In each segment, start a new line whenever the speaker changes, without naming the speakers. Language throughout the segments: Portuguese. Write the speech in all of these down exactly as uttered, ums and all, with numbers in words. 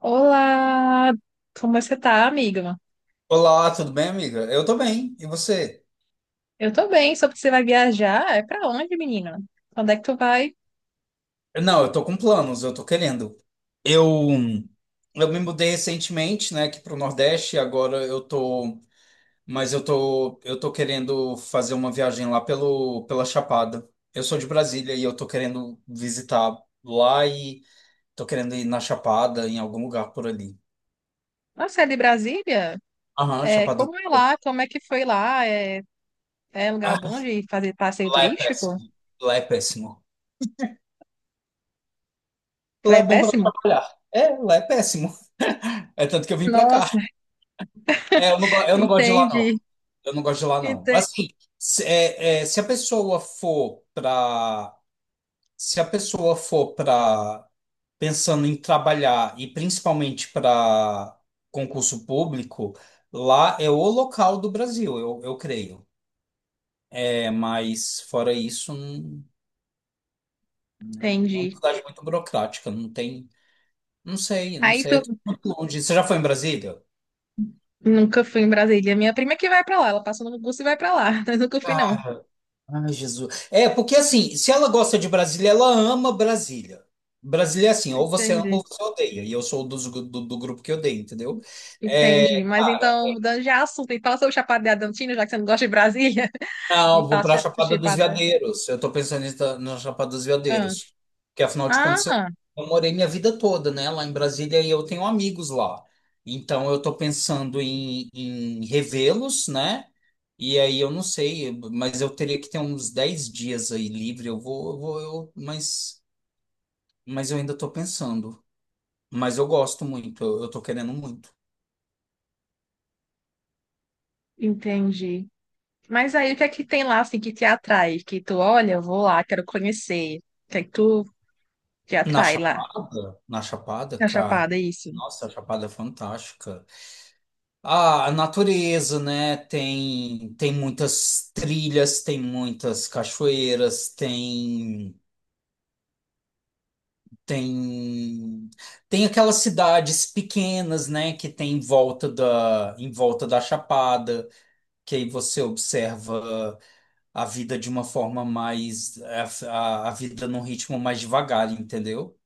Olá, como você tá, amiga?
Olá, tudo bem, amiga? Eu tô bem. E você?
Eu tô bem, soube que você vai viajar. É pra onde, menina? Quando é que tu vai?
Não, eu tô com planos, eu tô querendo. Eu, eu me mudei recentemente, né, aqui pro Nordeste. E agora eu tô, mas eu tô, eu tô querendo fazer uma viagem lá pelo, pela Chapada. Eu sou de Brasília e eu tô querendo visitar lá e tô querendo ir na Chapada, em algum lugar por ali.
Nossa, é de Brasília?
Aham,
É,
Chapada.
como é lá? Como é que foi lá? É, é lugar
Ah,
bom de fazer passeio
lá é
turístico?
péssimo. Lá é péssimo. Lá
É
é bom pra
péssimo?
trabalhar. É, lá é péssimo. É tanto que eu vim pra cá.
Nossa.
É, eu não, go- eu não gosto de lá, não.
entendi,
Eu não gosto de lá, não.
ente-
Assim, se, é, é, se a pessoa for para, se a pessoa for para, pensando em trabalhar e principalmente para concurso público, lá é o local do Brasil, eu, eu creio. É, mas fora isso, não, né, é uma
Entendi.
cidade muito burocrática, não tem, não sei, não
Aí
sei, é tudo
tu
muito longe. Você já foi em Brasília?
nunca fui em Brasília. Minha prima que vai pra lá, ela passou no curso e vai pra lá. Mas nunca fui, não.
Cara, ai, Jesus. É, porque assim, se ela gosta de Brasília, ela ama Brasília. Brasília é assim, ou você ama
Entendi,
ou você odeia. E eu sou dos gru- do, do grupo que odeia, entendeu? É,
entendi. Mas
cara,
então, mudando de assunto, e fala sobre o Chapada Diamantina, já que você não gosta de Brasília. Me
não, vou pra
faça
Chapada dos
chipada.
Veadeiros. Eu tô pensando em estar na Chapada dos
Ah,
Veadeiros. Porque afinal de contas, eu,
ah,
eu morei minha vida toda, né, lá em Brasília e eu tenho amigos lá. Então eu tô pensando em, em revê-los, né? E aí eu não sei, mas eu teria que ter uns dez dias aí livre. Eu vou, eu vou, eu, mas. Mas eu ainda tô pensando. Mas eu gosto muito, eu, eu tô querendo muito.
Entendi. Mas aí o que é que tem lá assim que te atrai? Que tu olha, eu vou lá, quero conhecer. O que é que tu te
Na
atrai lá?
Chapada, na Chapada,
Na
cara.
Chapada, isso.
Nossa, a Chapada é fantástica. Ah, a natureza, né? Tem tem muitas trilhas, tem muitas cachoeiras, tem tem tem aquelas cidades pequenas, né, que tem em volta da em volta da Chapada, que aí você observa a vida de uma forma mais, a, a a vida num ritmo mais devagar, entendeu?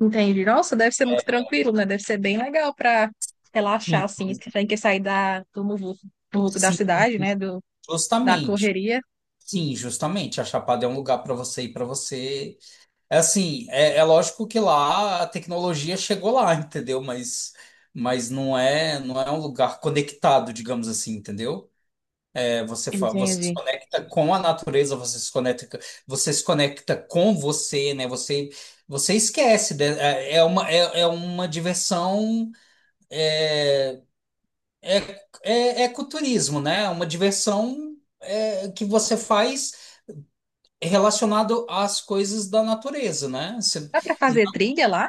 Entendi. Nossa, deve ser muito tranquilo, né? Deve ser bem legal pra relaxar,
Sim.
assim, sem que sair da, do muvuco muvuco da
Sim,
cidade, né? Do, da
justamente.
correria.
Sim, justamente. A Chapada é um lugar para você ir para você. É assim, é, é lógico que lá a tecnologia chegou lá, entendeu? Mas, mas não é, não é um lugar conectado, digamos assim, entendeu? É, você, fa- você se
Entendi.
conecta com a natureza, você se conecta, você se conecta com você, né? Você, você esquece, né? É é uma, é, é uma diversão. É, é ecoturismo, né? É uma diversão, é, que você faz relacionado às coisas da natureza, né? Você,
Dá pra fazer trilha lá?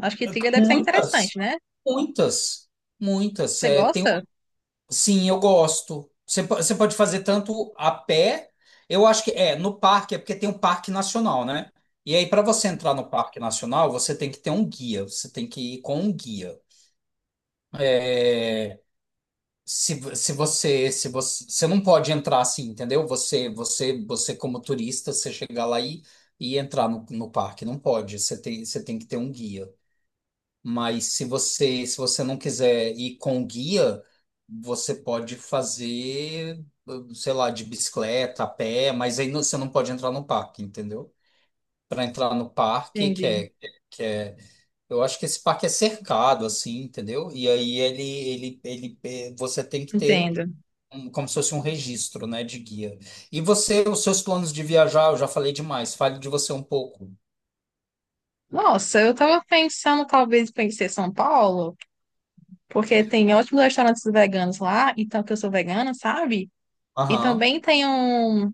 Acho que trilha deve ser
muitas,
interessante, né?
muitas, muitas.
Você
É, tem,
gosta?
sim, eu gosto. Você, po- você pode fazer tanto a pé, eu acho que é no parque, é porque tem um parque nacional, né? E aí, para você
Sim.
entrar no parque nacional, você tem que ter um guia, você tem que ir com um guia. É, Se, vo- se você, se você, você não pode entrar assim, entendeu? Você, você, você, como turista, você chegar lá e, e entrar no, no parque, não pode. Você tem, você tem que ter um guia. Mas se você, se você não quiser ir com o guia, você pode fazer, sei lá, de bicicleta, a pé, mas aí não, você não pode entrar no parque, entendeu? Para entrar no parque, que
Entendi,
é, que é eu acho que esse parque é cercado, assim, entendeu? E aí ele, ele, ele, eh, você tem que ter
entendo.
um, como se fosse um registro, né, de guia. E você, os seus planos de viajar, eu já falei demais, fale de você um pouco.
Nossa, eu tava pensando talvez em conhecer São Paulo, porque tem ótimos restaurantes veganos lá, então que eu sou vegana, sabe? E
Aham.
também tem um,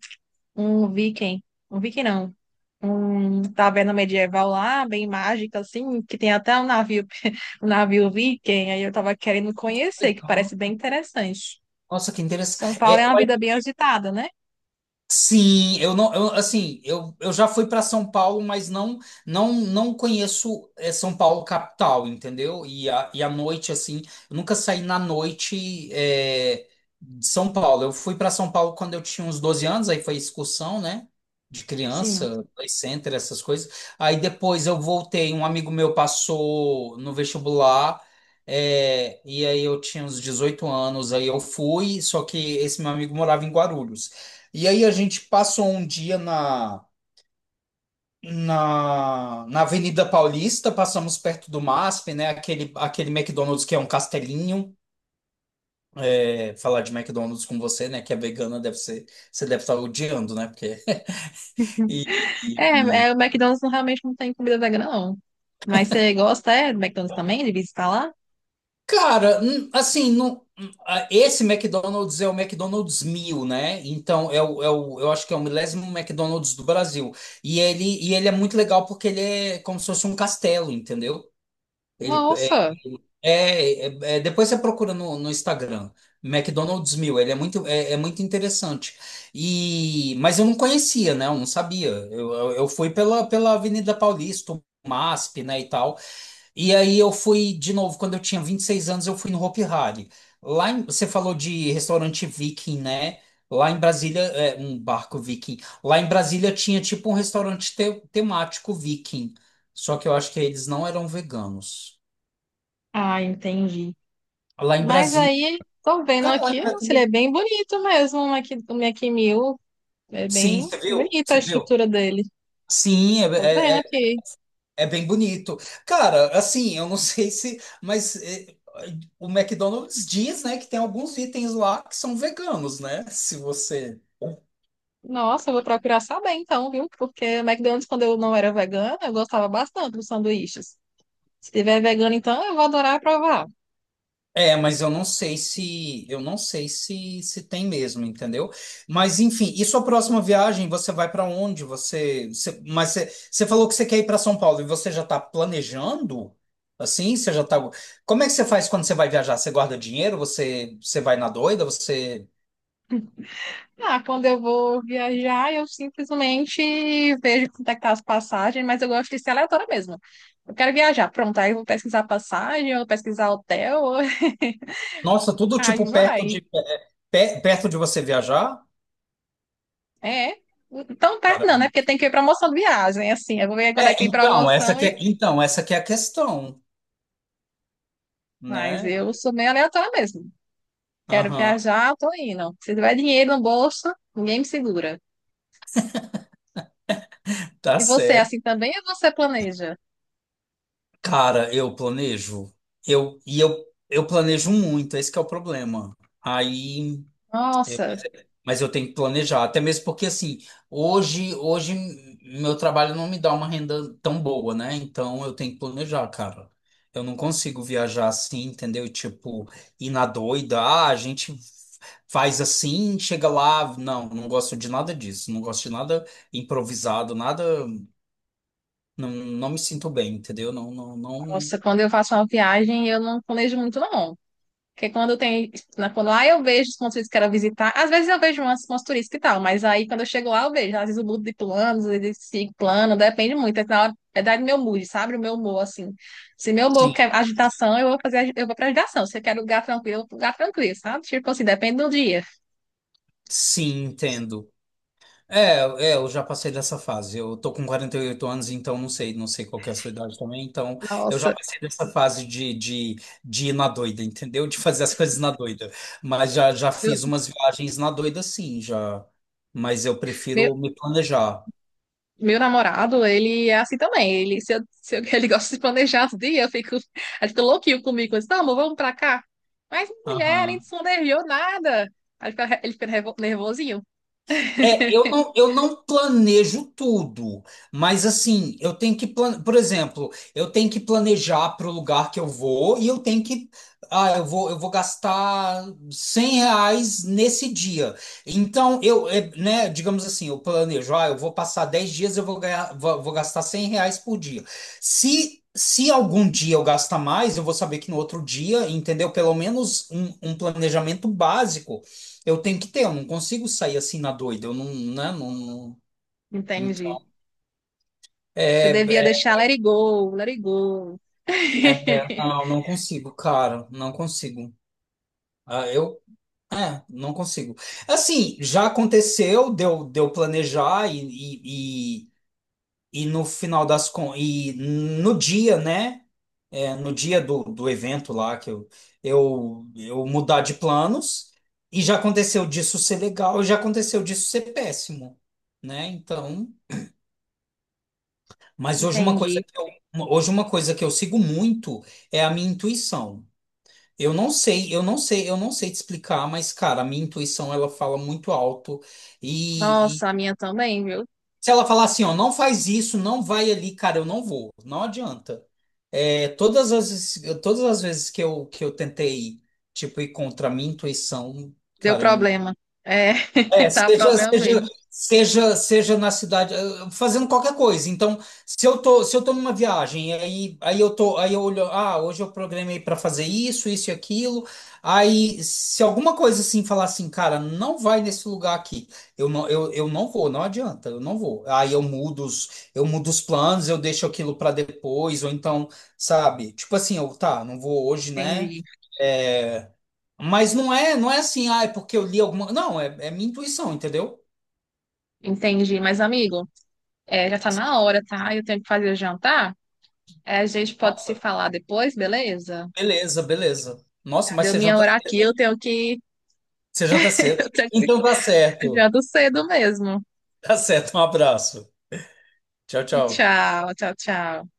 um viking, um viking não, um taverna medieval lá, bem mágica assim, que tem até um navio, um navio viking, aí eu tava querendo conhecer, que
Legal.
parece bem interessante.
Nossa, que
São
interessante.
Paulo é uma vida bem agitada, né?
Sim, eu não, eu, assim, eu, eu já fui para São Paulo, mas não não não conheço, eh, São Paulo capital, entendeu? E a, e a noite, assim, eu nunca saí na noite, eh, de São Paulo. Eu fui para São Paulo quando eu tinha uns doze anos, aí foi excursão, né? De
Sim.
criança, play center, essas coisas. Aí depois eu voltei, um amigo meu passou no vestibular. É, e aí eu tinha uns dezoito anos, aí eu fui, só que esse meu amigo morava em Guarulhos. E aí a gente passou um dia na, na, na Avenida Paulista, passamos perto do M A S P, né? Aquele, aquele McDonald's que é um castelinho. É, falar de McDonald's com você, né? Que é vegana, deve ser, você deve estar odiando, né? Porque. E, e-
É,
e-
é, o McDonald's não- realmente não tem comida vegana, não. Mas você gosta, é, do McDonald's também, de visitar lá?
Cara, hum, assim, não, hum, ah, esse McDonald's é o McDonald's mil, né? Então, é o, é o, eu acho que é o milésimo McDonald's do Brasil. E ele, e ele é muito legal porque ele é como se fosse um castelo, entendeu? Ele,
Nossa!
É, é- é, depois você procura no, no Instagram, McDonald's Mil. Ele é muito, é, é muito interessante. E, mas eu não conhecia, né? Eu não sabia. Eu, eu, eu fui pela, pela Avenida Paulista, o M A S P, né, e tal. E aí eu fui de novo, quando eu tinha vinte e seis anos, eu fui no Hopi Hari. Lá em, você falou de restaurante viking, né? Lá em Brasília, é, um barco viking. Lá em Brasília tinha tipo um restaurante te- temático viking. Só que eu acho que eles não eram veganos.
Ah, entendi.
Lá em
Mas
Brasília.
aí, tô vendo
Cara, lá
aqui,
em
nossa, ele é
tudo.
bem bonito mesmo, o Mac, o Mac Mill. É
Sim,
bem
você viu?
bonita a
Você viu?
estrutura dele.
Sim,
Tô vendo
é, é, é
aqui.
é bem bonito. Cara, assim, eu não sei se. Mas é, o McDonald's diz, né, que tem alguns itens lá que são veganos, né? Se você.
Nossa, eu vou procurar saber então, viu? Porque o McDonald's, quando eu não era vegana, eu gostava bastante dos sanduíches. Se tiver vegano, então, eu vou adorar provar.
É, mas eu não sei se eu não sei se se tem mesmo, entendeu? Mas enfim, e sua próxima viagem, você vai para onde? Você, você- mas você, você falou que você quer ir para São Paulo e você já está planejando? Assim, você já tá. Como é que você faz quando você vai viajar? Você guarda dinheiro? Você você vai na doida? Você,
Ah, quando eu vou viajar, eu simplesmente vejo quanto é que tá as passagens, mas eu gosto de ser aleatória mesmo. Eu quero viajar, pronto, aí eu vou pesquisar passagem, eu vou pesquisar hotel,
nossa, tudo
aí
tipo perto
vai.
de, pe- perto de você viajar?
É, tão perto
Cara,
não, né? Porque tem que ver promoção de viagem, assim, eu vou ver quando aí
é,
tem
então, essa
promoção
que
e...
é, então, essa que é a questão,
Mas
né?
eu sou meio aleatória mesmo. Quero
Aham,
viajar, tô indo. Se tiver dinheiro no bolso, ninguém me segura.
tá
E você, é assim
certo.
também, ou você planeja?
Cara, eu planejo. Eu, e eu, eu planejo muito, esse que é o problema. Aí, é,
Nossa,
mas eu tenho que planejar, até mesmo porque assim, hoje, hoje meu trabalho não me dá uma renda tão boa, né? Então eu tenho que planejar, cara. Eu não consigo viajar assim, entendeu? Tipo, ir na doida, ah, a gente faz assim, chega lá, não, não gosto de nada disso, não gosto de nada improvisado, nada, não, não me sinto bem, entendeu? Não, não, não.
nossa, quando eu faço uma viagem, eu não planejo muito, não. Porque quando tem, na- quando lá eu vejo os pontos turísticos que eu quero visitar, às vezes eu vejo umas, umas turísticas e tal, mas aí quando eu chego lá eu vejo, às vezes eu mudo de planos, às vezes sigo plano, depende muito, é na hora, é da do meu mood, sabe? O meu humor, assim. Se meu humor quer agitação, eu vou fazer, agi- eu vou pra agitação. Se eu quero lugar tranquilo, eu vou pro lugar tranquilo, sabe? Tipo assim, depende do dia.
Sim, entendo. É, é, eu já passei dessa fase. Eu tô com quarenta e oito anos, então não sei, não sei qual que é a sua idade também. Então, eu já
Nossa,
passei dessa fase de, de, de ir na doida, entendeu? De fazer as coisas na doida. Mas já, já
eu-
fiz umas viagens na doida, sim, já. Mas eu
meu
prefiro me planejar.
Meu namorado, ele é assim também. Ele, se eu, se eu- ele gosta de planejar os dias, eu fico, ele fica louquinho comigo. Eu disse, não, amor, vamos pra cá. Mas mulher, nem
Aham.
se planejou nada. Aí ele fica, ele fica nervo- nervosinho.
É, eu não, eu não planejo tudo, mas assim, eu tenho que plan, por exemplo, eu tenho que planejar para o lugar que eu vou e eu tenho que, ah, eu vou, eu vou gastar cem reais nesse dia. Então, eu, é, né, digamos assim, eu planejo, ah, eu vou passar dez dias, eu vou ganhar, vou, vou gastar cem reais por dia. Se, se algum dia eu gastar mais, eu vou saber que no outro dia, entendeu? Pelo menos um, um planejamento básico eu tenho que ter, eu não consigo sair assim na doida, eu não, né, não, não,
Entendi.
então,
Você
é,
devia
é,
deixar let it go, let it go.
não, não consigo, cara, não consigo. Ah, eu, é, não consigo. Assim, já aconteceu, deu, deu planejar e, e, e, e no final das con, e no dia, né, é, no dia do, do evento lá, que eu, eu, eu mudar de planos, e já aconteceu disso ser legal, e já aconteceu disso ser péssimo, né, então... Mas hoje uma coisa
Entendi.
que eu, uma- hoje uma coisa que eu sigo muito é a minha intuição. Eu não sei, eu não sei, eu não sei te explicar, mas cara, a minha intuição ela fala muito alto e, e
Nossa, a minha também, viu?
se ela falar assim, ó, não faz isso, não vai ali, cara, eu não vou, não adianta. É, todas as todas as vezes que eu que eu tentei tipo ir contra a minha intuição,
Deu
cara, eu
problema. É,
é,
tá
seja,
problema mesmo.
seja, seja, seja na cidade, eh, fazendo qualquer coisa. Então, se eu tô, se eu tô numa viagem, e aí, aí eu tô, aí eu olho, ah, hoje eu programei para fazer isso, isso e aquilo. Aí, se alguma coisa assim falar assim, cara, não vai nesse lugar aqui, eu não, eu, eu não vou, não adianta, eu não vou. Aí eu mudo os, eu mudo os planos, eu deixo aquilo para depois, ou então, sabe? Tipo assim, eu, tá, não vou hoje, né?
Entendi,
É, mas não é, não é assim, ah, é porque eu li alguma. Não, é, é minha intuição, entendeu?
entendi. Mas, amigo, é, já tá na hora, tá? Eu tenho que fazer o jantar. É, a gente pode
Nossa,
se falar depois, beleza?
beleza, beleza. Nossa,
Cadê
mas
eu
você
minha
janta,
hora aqui? Eu tenho que,
você janta cedo.
eu tenho que
Então tá
ir
certo.
ser cedo mesmo.
Tá certo, um abraço. Tchau, tchau.
Tchau, tchau, tchau.